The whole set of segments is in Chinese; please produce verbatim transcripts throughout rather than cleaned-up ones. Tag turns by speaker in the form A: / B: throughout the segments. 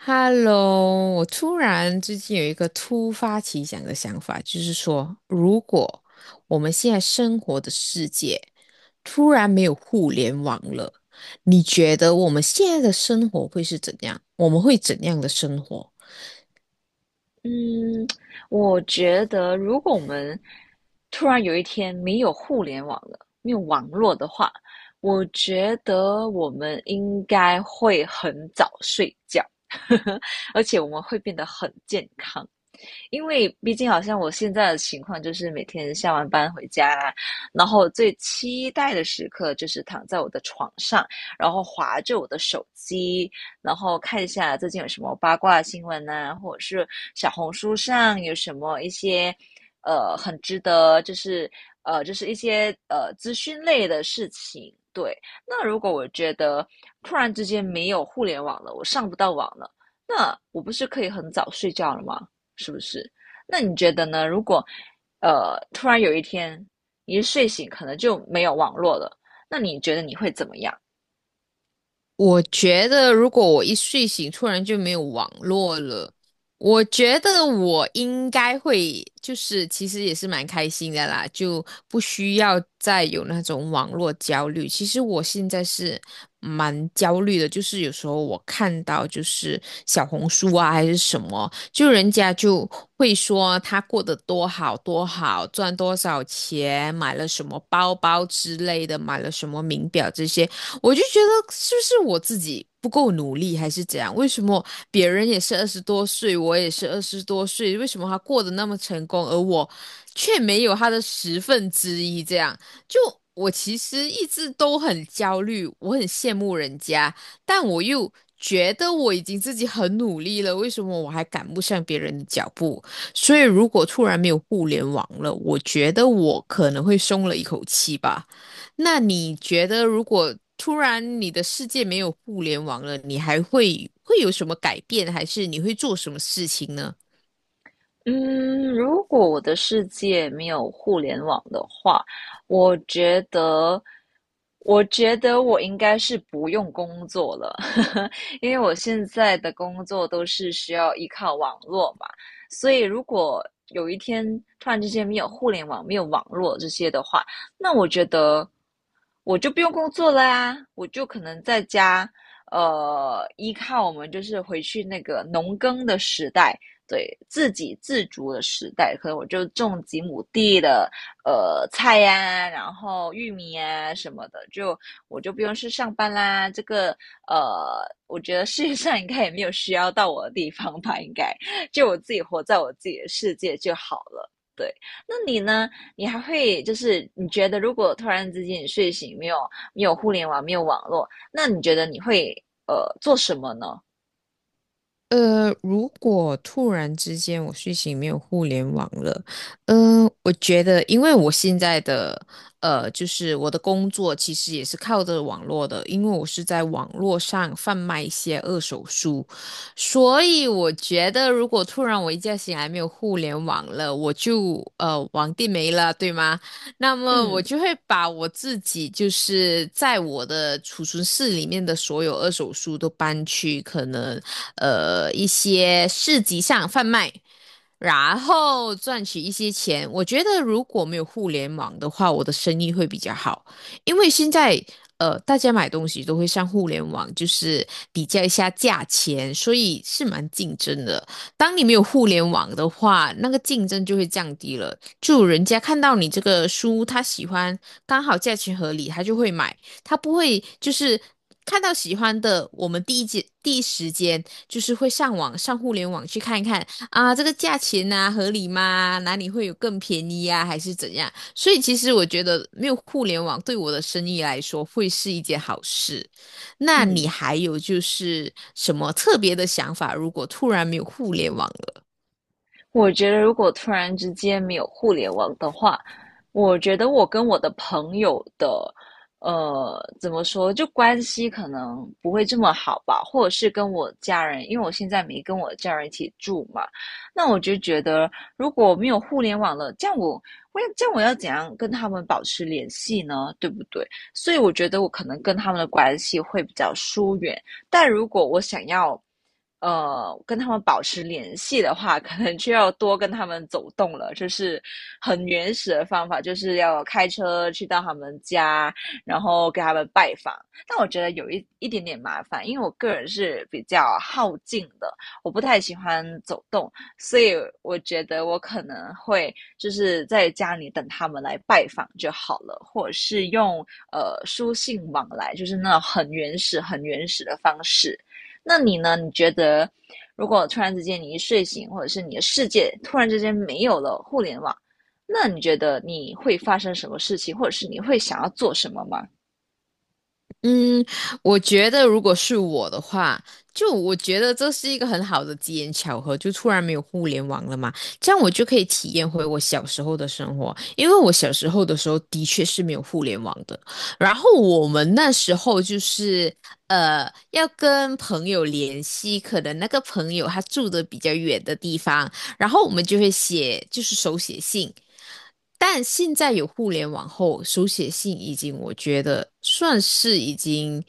A: Hello,我突然最近有一个突发奇想的想法，就是说，如果我们现在生活的世界突然没有互联网了，你觉得我们现在的生活会是怎样？我们会怎样的生活？
B: 嗯，我觉得如果我们突然有一天没有互联网了，没有网络的话，我觉得我们应该会很早睡觉，而且我们会变得很健康。因为毕竟好像我现在的情况就是每天下完班回家啊，然后最期待的时刻就是躺在我的床上，然后划着我的手机，然后看一下最近有什么八卦新闻呐、或者是小红书上有什么一些呃很值得就是呃就是一些呃资讯类的事情。对，那如果我觉得突然之间没有互联网了，我上不到网了，那我不是可以很早睡觉了吗？是不是？那你觉得呢？如果呃突然有一天你一睡醒，可能就没有网络了，那你觉得你会怎么样？
A: 我觉得，如果我一睡醒突然就没有网络了，我觉得我应该会，就是其实也是蛮开心的啦，就不需要再有那种网络焦虑。其实我现在是蛮焦虑的，就是有时候我看到就是小红书啊还是什么，就人家就会说他过得多好多好，赚多少钱，买了什么包包之类的，买了什么名表这些。我就觉得是不是我自己不够努力，还是怎样？为什么别人也是二十多岁，我也是二十多岁，为什么他过得那么成功，而我却没有他的十分之一？这样，就我其实一直都很焦虑，我很羡慕人家，但我又。觉得我已经自己很努力了，为什么我还赶不上别人的脚步？所以，如果突然没有互联网了，我觉得我可能会松了一口气吧。那你觉得，如果突然你的世界没有互联网了，你还会会有什么改变，还是你会做什么事情呢？
B: 嗯，如果我的世界没有互联网的话，我觉得，我觉得我应该是不用工作了，因为我现在的工作都是需要依靠网络嘛，所以如果有一天突然之间没有互联网、没有网络这些的话，那我觉得我就不用工作了呀，我就可能在家，呃，依靠我们就是回去那个农耕的时代。对自给自足的时代，可能我就种几亩地的呃菜呀、啊然后玉米呀、什么的，就我就不用去上班啦。这个呃，我觉得世界上应该也没有需要到我的地方吧，应该就我自己活在我自己的世界就好了。对，那你呢？你还会就是你觉得，如果突然之间你睡醒没有没有互联网，没有网络，那你觉得你会呃做什么呢？
A: 呃，如果突然之间我睡醒没有互联网了，嗯、呃我觉得因为我现在的呃，就是我的工作其实也是靠着网络的，因为我是在网络上贩卖一些二手书，所以我觉得如果突然我一觉醒来没有互联网了，我就呃网地没了，对吗？那么我
B: 嗯
A: 就会把我自己就是在我的储存室里面的所有二手书都搬去可能。呃一些市集上贩卖，然后赚取一些钱。我觉得如果没有互联网的话，我的生意会比较好，因为现在。呃，大家买东西都会上互联网，就是比较一下价钱，所以是蛮竞争的。当你没有互联网的话，那个竞争就会降低了。就人家看到你这个书，他喜欢，刚好价钱合理，他就会买。他不会就是看到喜欢的，我们第一节第一时间就是会上网上互联网去看一看啊，这个价钱啊合理吗？哪里会有更便宜啊，还是怎样？所以其实我觉得没有互联网对我的生意来说会是一件好事。那
B: 嗯。
A: 你还有就是什么特别的想法？如果突然没有互联网
B: 我觉得如果突然之间没有互联网的话，我觉得我跟我的朋友的，呃，怎么说，就关系可能不会这么好吧，或者是跟我家人，因为我现在没跟我家人一起住嘛，那我就觉得如果没有互联网了，这样我我要这样我要怎样跟他们保持联系呢？对不对？所以我觉得我可能跟他们的关系会比较疏远，但如果我想要呃跟他们保持联系的话，可能就要多跟他们走动了。就是很原始的方法，就是要开车去到他们家，然后给他们拜访。但我觉得有一一点点麻烦，因为我个人是比较耗尽的，我不太喜欢走动，所以我觉得我可能会就是在家里等他们来拜访就好了，或者是用呃书信往来，就是那种很原始、很原始的方式。那你呢？你觉得如果突然之间你一睡醒，或者是你的世界突然之间没有了互联网，那你觉得你会发生什么事情，或者是你会想要做什么吗？
A: 嗯，我觉得如果是我的话，就我觉得这是一个很好的机缘巧合，就突然没有互联网了嘛，这样我就可以体验回我小时候的生活，因为我小时候的时候的确是没有互联网的，然后我们那时候就是呃要跟朋友联系，可能那个朋友他住的比较远的地方，然后我们就会写就是手写信。但现在有互联网后，手写信已经我觉得算是已经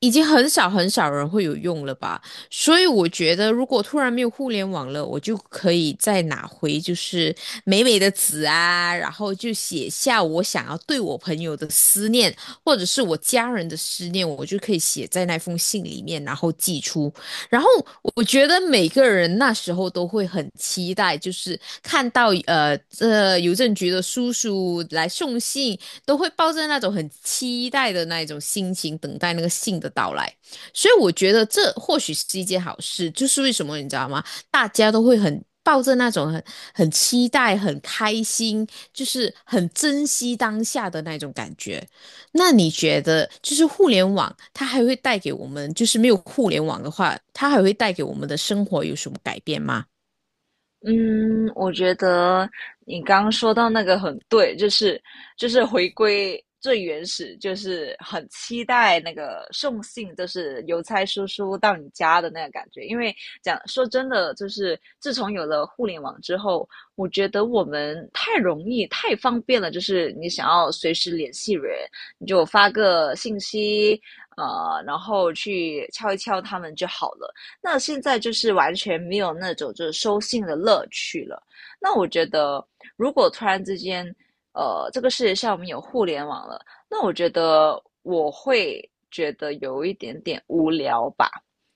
A: 已经很少很少人会有用了吧。所以我觉得，如果突然没有互联网了，我就可以再拿回就是美美的纸啊，然后就写下我想要对我朋友的思念，或者是我家人的思念，我就可以写在那封信里面，然后寄出。然后我觉得每个人那时候都会很期待，就是看到呃这邮政局的叔叔来送信，都会抱着那种很期待的那一种心情等待那个信的到来。所以我觉得这或许是一件好事，就是为什么你知道吗？大家都会很。抱着那种很很期待、很开心，就是很珍惜当下的那种感觉。那你觉得，就是互联网，它还会带给我们，就是没有互联网的话，它还会带给我们的生活有什么改变吗？
B: 嗯，我觉得你刚刚说到那个很对，就是就是回归最原始，就是很期待那个送信，就是邮差叔叔到你家的那个感觉。因为讲说真的，就是自从有了互联网之后，我觉得我们太容易、太方便了，就是你想要随时联系人，你就发个信息，呃，然后去敲一敲他们就好了。那现在就是完全没有那种就是收信的乐趣了。那我觉得，如果突然之间，呃，这个世界上我们有互联网了，那我觉得我会觉得有一点点无聊吧。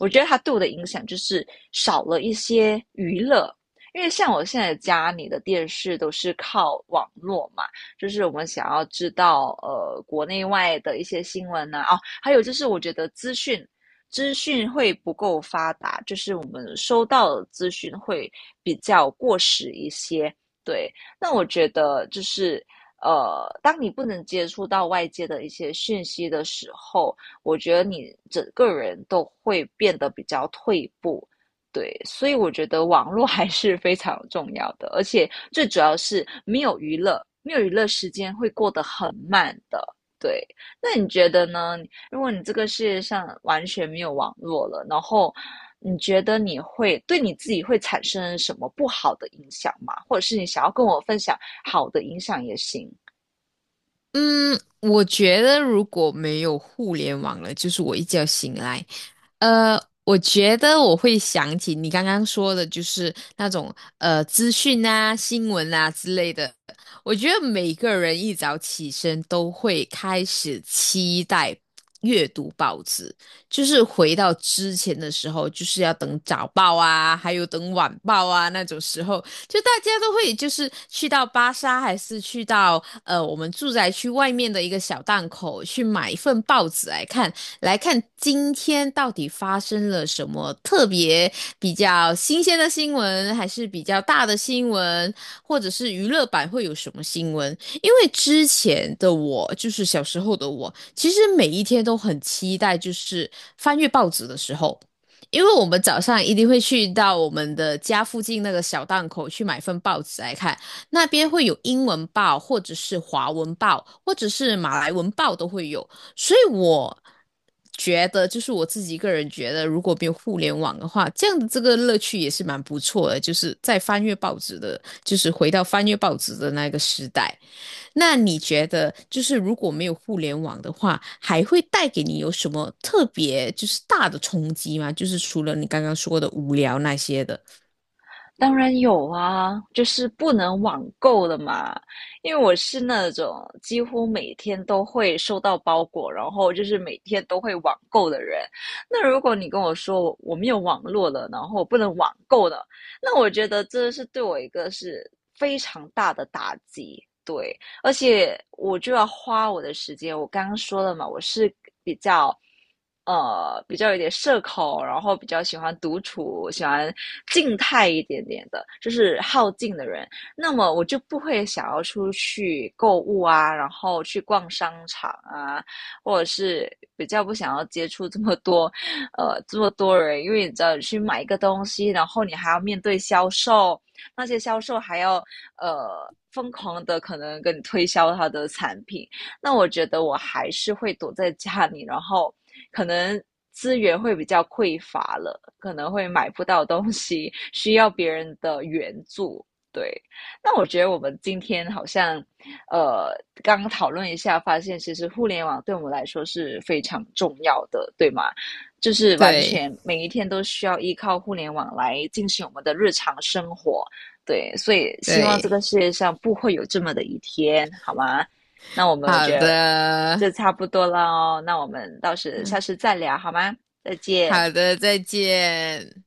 B: 我觉得它对我的影响就是少了一些娱乐，因为像我现在家里的电视都是靠网络嘛，就是我们想要知道呃国内外的一些新闻呐、啊哦，还有就是我觉得资讯资讯会不够发达，就是我们收到的资讯会比较过时一些。对，那我觉得就是呃，当你不能接触到外界的一些讯息的时候，我觉得你整个人都会变得比较退步。对，所以我觉得网络还是非常重要的，而且最主要是没有娱乐，没有娱乐时间会过得很慢的。对，那你觉得呢？如果你这个世界上完全没有网络了，然后你觉得你会对你自己会产生什么不好的影响吗？或者是你想要跟我分享好的影响也行。
A: 嗯，我觉得如果没有互联网了，就是我一觉醒来，呃，我觉得我会想起你刚刚说的，就是那种呃资讯啊、新闻啊之类的。我觉得每个人一早起身都会开始期待阅读报纸，就是回到之前的时候，就是要等早报啊，还有等晚报啊那种时候。就大家都会就是去到巴莎，还是去到呃我们住宅区外面的一个小档口去买一份报纸来看，来看今天到底发生了什么特别比较新鲜的新闻，还是比较大的新闻，或者是娱乐版会有什么新闻？因为之前的我，就是小时候的我，其实每一天都很期待，就是翻阅报纸的时候。因为我们早上一定会去到我们的家附近那个小档口去买份报纸来看，那边会有英文报，或者是华文报，或者是马来文报都会有。所以我觉得，就是我自己个人觉得，如果没有互联网的话，这样的这个乐趣也是蛮不错的，就是在翻阅报纸的，就是回到翻阅报纸的那个时代。那你觉得，就是如果没有互联网的话，还会带给你有什么特别就是大的冲击吗？就是除了你刚刚说的无聊那些的，
B: 当然有啊，就是不能网购的嘛。因为我是那种几乎每天都会收到包裹，然后就是每天都会网购的人。那如果你跟我说我我没有网络了，然后我不能网购的，那我觉得这是对我一个是非常大的打击。对，而且我就要花我的时间。我刚刚说了嘛，我是比较呃比较有点社恐，然后比较喜欢独处，喜欢静态一点点的，就是好静的人。那么我就不会想要出去购物啊，然后去逛商场啊，或者是比较不想要接触这么多呃这么多人，因为你知道你去买一个东西，然后你还要面对销售。那些销售还要呃疯狂的可能跟你推销他的产品，那我觉得我还是会躲在家里，然后可能资源会比较匮乏了，可能会买不到东西，需要别人的援助。对，那我觉得我们今天好像，呃，刚刚讨论一下，发现其实互联网对我们来说是非常重要的，对吗？就是完
A: 对
B: 全每一天都需要依靠互联网来进行我们的日常生活。对，所以希望这
A: 对，
B: 个世界上不会有这么的一天，好吗？那我们我
A: 好
B: 觉得
A: 的，
B: 这差不多了哦，那我们到时下
A: 嗯，
B: 次再聊好吗？再见。
A: 好的，再见。